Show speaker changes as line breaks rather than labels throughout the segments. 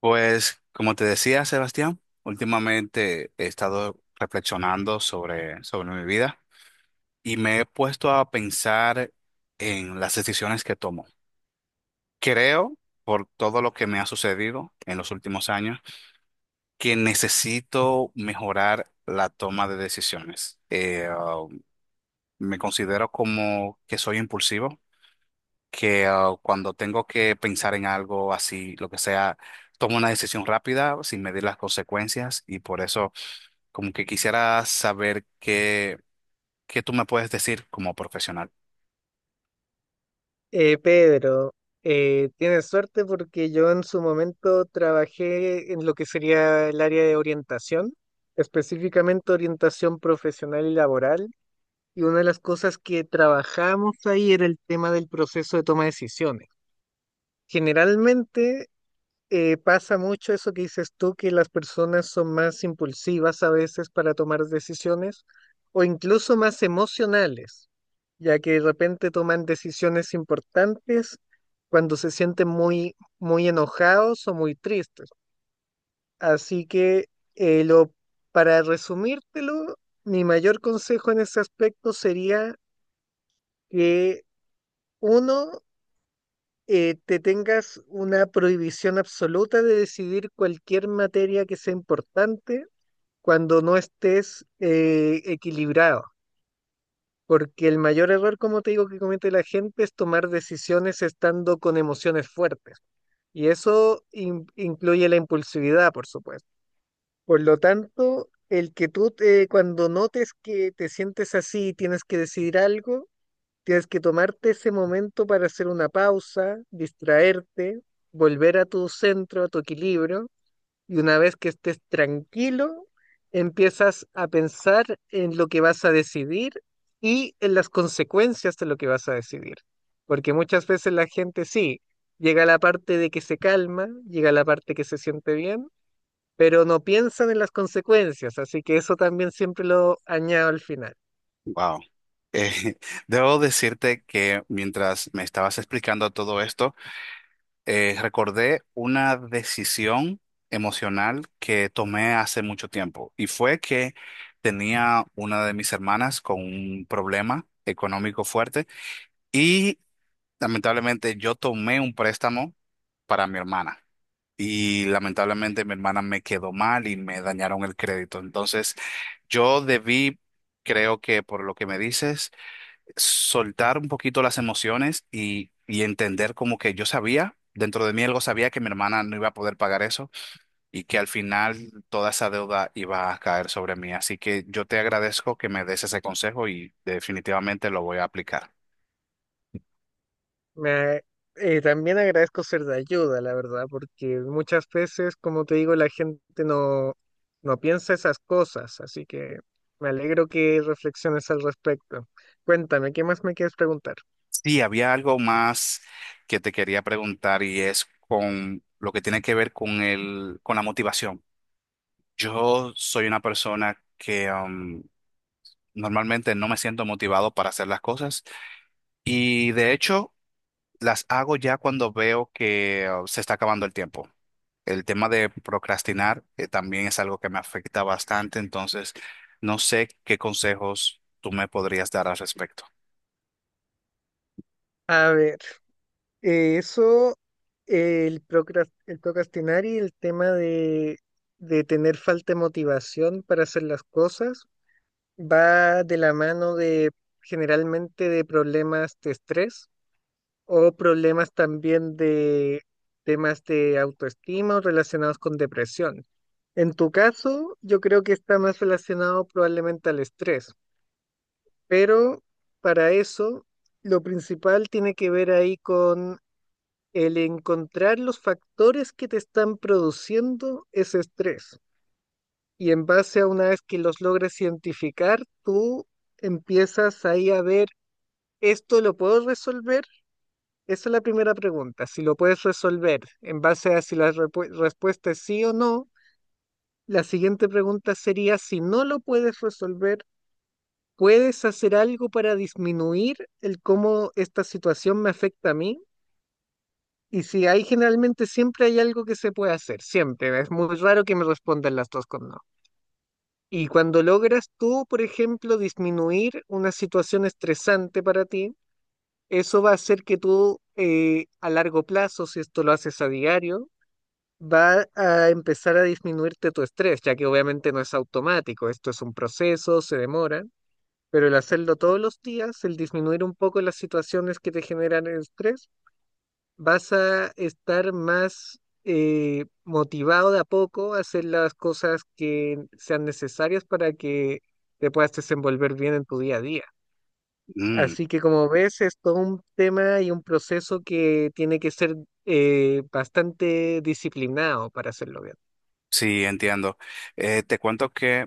Pues, como te decía, Sebastián, últimamente he estado reflexionando sobre mi vida y me he puesto a pensar en las decisiones que tomo. Creo, por todo lo que me ha sucedido en los últimos años, que necesito mejorar la toma de decisiones. Me considero como que soy impulsivo que cuando tengo que pensar en algo así, lo que sea, tomo una decisión rápida sin medir las consecuencias y por eso como que quisiera saber qué tú me puedes decir como profesional.
Pedro, tienes suerte porque yo en su momento trabajé en lo que sería el área de orientación, específicamente orientación profesional y laboral, y una de las cosas que trabajamos ahí era el tema del proceso de toma de decisiones. Generalmente pasa mucho eso que dices tú, que las personas son más impulsivas a veces para tomar decisiones o incluso más emocionales, ya que de repente toman decisiones importantes cuando se sienten muy, muy enojados o muy tristes. Así que eh, lo, para resumírtelo, mi mayor consejo en ese aspecto sería que uno te tengas una prohibición absoluta de decidir cualquier materia que sea importante cuando no estés equilibrado. Porque el mayor error, como te digo, que comete la gente es tomar decisiones estando con emociones fuertes. Y eso incluye la impulsividad, por supuesto. Por lo tanto, el que tú, cuando notes que te sientes así y tienes que decidir algo, tienes que tomarte ese momento para hacer una pausa, distraerte, volver a tu centro, a tu equilibrio, y una vez que estés tranquilo, empiezas a pensar en lo que vas a decidir y en las consecuencias de lo que vas a decidir. Porque muchas veces la gente sí, llega a la parte de que se calma, llega a la parte que se siente bien, pero no piensan en las consecuencias, así que eso también siempre lo añado al final.
Wow. Eh, debo decirte que mientras me estabas explicando todo esto, recordé una decisión emocional que tomé hace mucho tiempo y fue que tenía una de mis hermanas con un problema económico fuerte. y Lamentablemente yo tomé un préstamo para mi hermana y lamentablemente mi hermana me quedó mal y me dañaron el crédito. Entonces yo creo que por lo que me dices, soltar un poquito las emociones y entender como que yo sabía, dentro de mí algo sabía que mi hermana no iba a poder pagar eso y que al final toda esa deuda iba a caer sobre mí. Así que yo te agradezco que me des ese consejo y definitivamente lo voy a aplicar.
Me, también agradezco ser de ayuda, la verdad, porque muchas veces, como te digo, la gente no piensa esas cosas, así que me alegro que reflexiones al respecto. Cuéntame, ¿qué más me quieres preguntar?
Sí, había algo más que te quería preguntar y es con lo que tiene que ver con con la motivación. Yo soy una persona que normalmente no me siento motivado para hacer las cosas y de hecho las hago ya cuando veo que se está acabando el tiempo. El tema de procrastinar también es algo que me afecta bastante, entonces no sé qué consejos tú me podrías dar al respecto.
A ver, eh, eso, el el procrastinar y el tema de tener falta de motivación para hacer las cosas va de la mano de generalmente de problemas de estrés o problemas también de temas de autoestima o relacionados con depresión. En tu caso, yo creo que está más relacionado probablemente al estrés, pero para eso lo principal tiene que ver ahí con el encontrar los factores que te están produciendo ese estrés. Y en base a una vez que los logres identificar, tú empiezas ahí a ver, esto lo puedo resolver. Esa es la primera pregunta, si lo puedes resolver en base a si la respuesta es sí o no. La siguiente pregunta sería, si no lo puedes resolver, ¿puedes hacer algo para disminuir el cómo esta situación me afecta a mí? Y si hay, generalmente siempre hay algo que se puede hacer, siempre. Es muy raro que me respondan las dos con no. Y cuando logras tú, por ejemplo, disminuir una situación estresante para ti, eso va a hacer que tú a largo plazo, si esto lo haces a diario, va a empezar a disminuirte tu estrés, ya que obviamente no es automático, esto es un proceso, se demora, pero el hacerlo todos los días, el disminuir un poco las situaciones que te generan estrés, vas a estar más motivado de a poco a hacer las cosas que sean necesarias para que te puedas desenvolver bien en tu día a día.
Mm,
Así que como ves, es todo un tema y un proceso que tiene que ser bastante disciplinado para hacerlo bien.
sí, entiendo. Te cuento que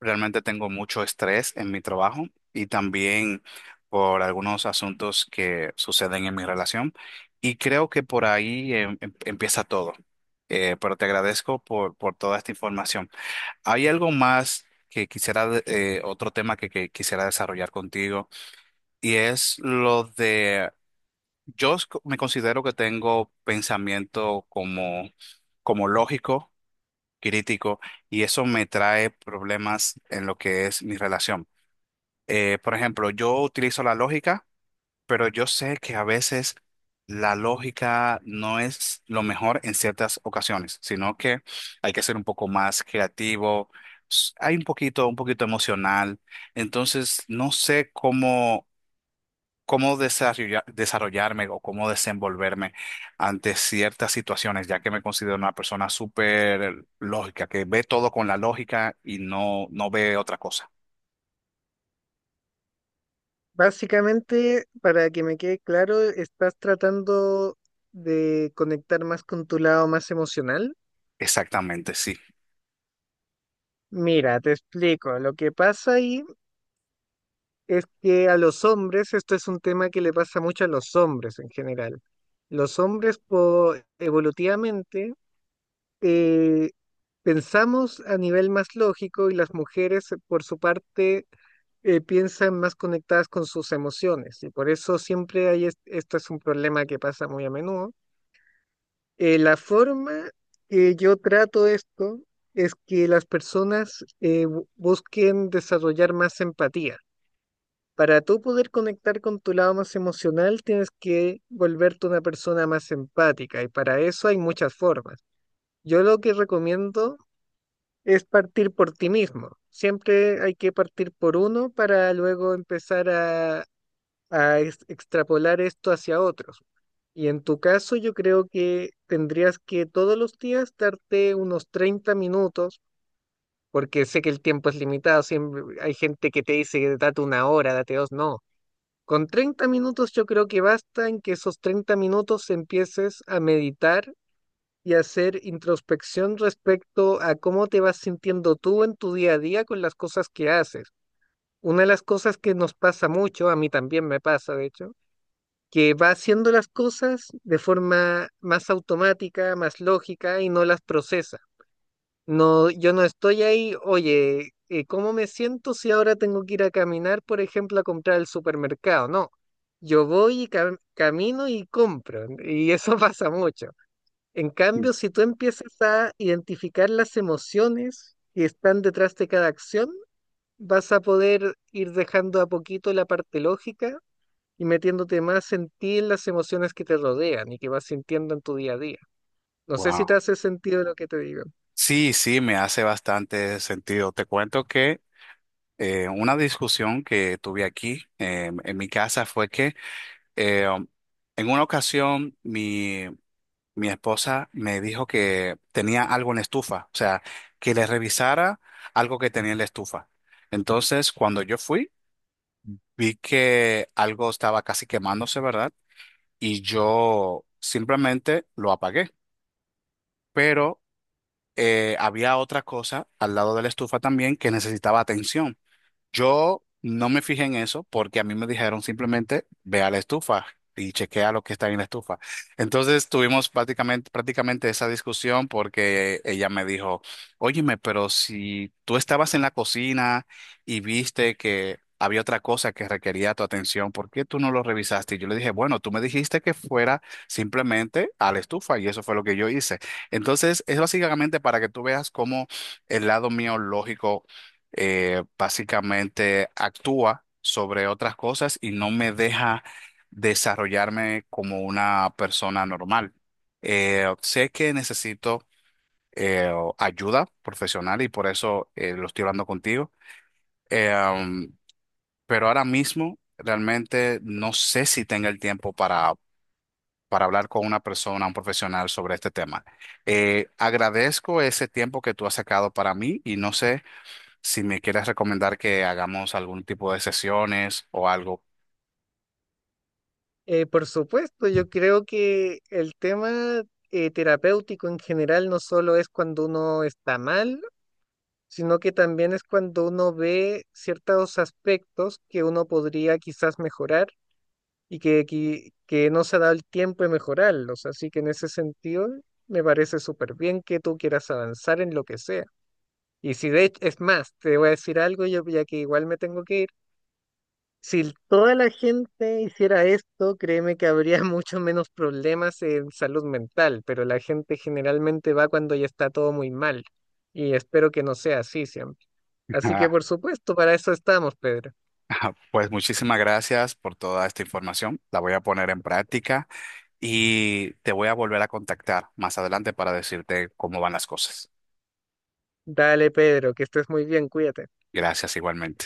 realmente tengo mucho estrés en mi trabajo y también por algunos asuntos que suceden en mi relación. Y creo que por ahí empieza todo. Pero te agradezco por toda esta información. ¿Hay algo más que quisiera, otro tema que quisiera desarrollar contigo? Y es lo de, yo me considero que tengo pensamiento como lógico, crítico, y eso me trae problemas en lo que es mi relación. Eh, por ejemplo, yo utilizo la lógica, pero yo sé que a veces la lógica no es lo mejor en ciertas ocasiones, sino que hay que ser un poco más creativo, un poquito emocional. Entonces, no sé cómo desarrollarme o cómo desenvolverme ante ciertas situaciones, ya que me considero una persona súper lógica, que ve todo con la lógica y no ve otra cosa.
Básicamente, para que me quede claro, estás tratando de conectar más con tu lado más emocional.
Exactamente, sí.
Mira, te explico. Lo que pasa ahí es que a los hombres, esto es un tema que le pasa mucho a los hombres en general. Los hombres, evolutivamente, eh, pensamos a nivel más lógico y las mujeres, por su parte, piensan más conectadas con sus emociones. Y por eso siempre hay, esto es un problema que pasa muy a menudo. La forma que yo trato esto es que las personas busquen desarrollar más empatía. Para tú poder conectar con tu lado más emocional, tienes que volverte una persona más empática y para eso hay muchas formas. Yo lo que recomiendo es partir por ti mismo. Siempre hay que partir por uno para luego empezar a extrapolar esto hacia otros. Y en tu caso yo creo que tendrías que todos los días darte unos 30 minutos, porque sé que el tiempo es limitado, siempre hay gente que te dice date una hora, date dos, no. Con 30 minutos yo creo que basta en que esos 30 minutos empieces a meditar y a hacer introspección respecto a cómo te vas sintiendo tú en tu día a día con las cosas que haces. Una de las cosas que nos pasa mucho, a mí también me pasa de hecho, que va haciendo las cosas de forma más automática, más lógica y no las procesa. No, yo no estoy ahí, oye, ¿cómo me siento si ahora tengo que ir a caminar, por ejemplo, a comprar al supermercado? No, yo voy y camino y compro, y eso pasa mucho. En cambio, si tú empiezas a identificar las emociones que están detrás de cada acción, vas a poder ir dejando a poquito la parte lógica y metiéndote más en ti en las emociones que te rodean y que vas sintiendo en tu día a día. No sé si te
Wow.
hace sentido lo que te digo.
Sí, sí, me hace bastante sentido. Te cuento que una discusión que tuve aquí en mi casa fue que eh, um, en una ocasión mi esposa me dijo que tenía algo en la estufa, o sea, que le revisara algo que tenía en la estufa. Entonces, cuando yo fui, vi que algo estaba casi quemándose, ¿verdad? Y yo simplemente lo apagué. Pero había otra cosa al lado de la estufa también que necesitaba atención. Yo no me fijé en eso porque a mí me dijeron simplemente ve a la estufa y chequea lo que está en la estufa. Entonces tuvimos prácticamente esa discusión porque ella me dijo, óyeme, pero si tú estabas en la cocina y viste que había otra cosa que requería tu atención, ¿por qué tú no lo revisaste? Y yo le dije, bueno, tú me dijiste que fuera simplemente a la estufa y eso fue lo que yo hice. Entonces es básicamente para que tú veas cómo el lado mío lógico básicamente actúa sobre otras cosas y no me deja desarrollarme como una persona normal. Sé que necesito eh, ayuda profesional y por eso lo estoy hablando contigo. Eh, um, pero ahora mismo realmente no sé si tenga el tiempo para hablar con una persona, un profesional sobre este tema. Agradezco ese tiempo que tú has sacado para mí y no sé si me quieres recomendar que hagamos algún tipo de sesiones o algo.
Por supuesto, yo creo que el tema terapéutico en general no solo es cuando uno está mal, sino que también es cuando uno ve ciertos aspectos que uno podría quizás mejorar y que no se ha dado el tiempo de mejorarlos. Así que en ese sentido, me parece súper bien que tú quieras avanzar en lo que sea. Y si de hecho, es más, te voy a decir algo, yo ya que igual me tengo que ir. Si toda la gente hiciera esto, créeme que habría mucho menos problemas en salud mental, pero la gente generalmente va cuando ya está todo muy mal. Y espero que no sea así siempre. Así que por supuesto, para eso estamos, Pedro.
Pues muchísimas gracias por toda esta información. La voy a poner en práctica y te voy a volver a contactar más adelante para decirte cómo van las cosas.
Dale, Pedro, que estés muy bien, cuídate.
Gracias igualmente.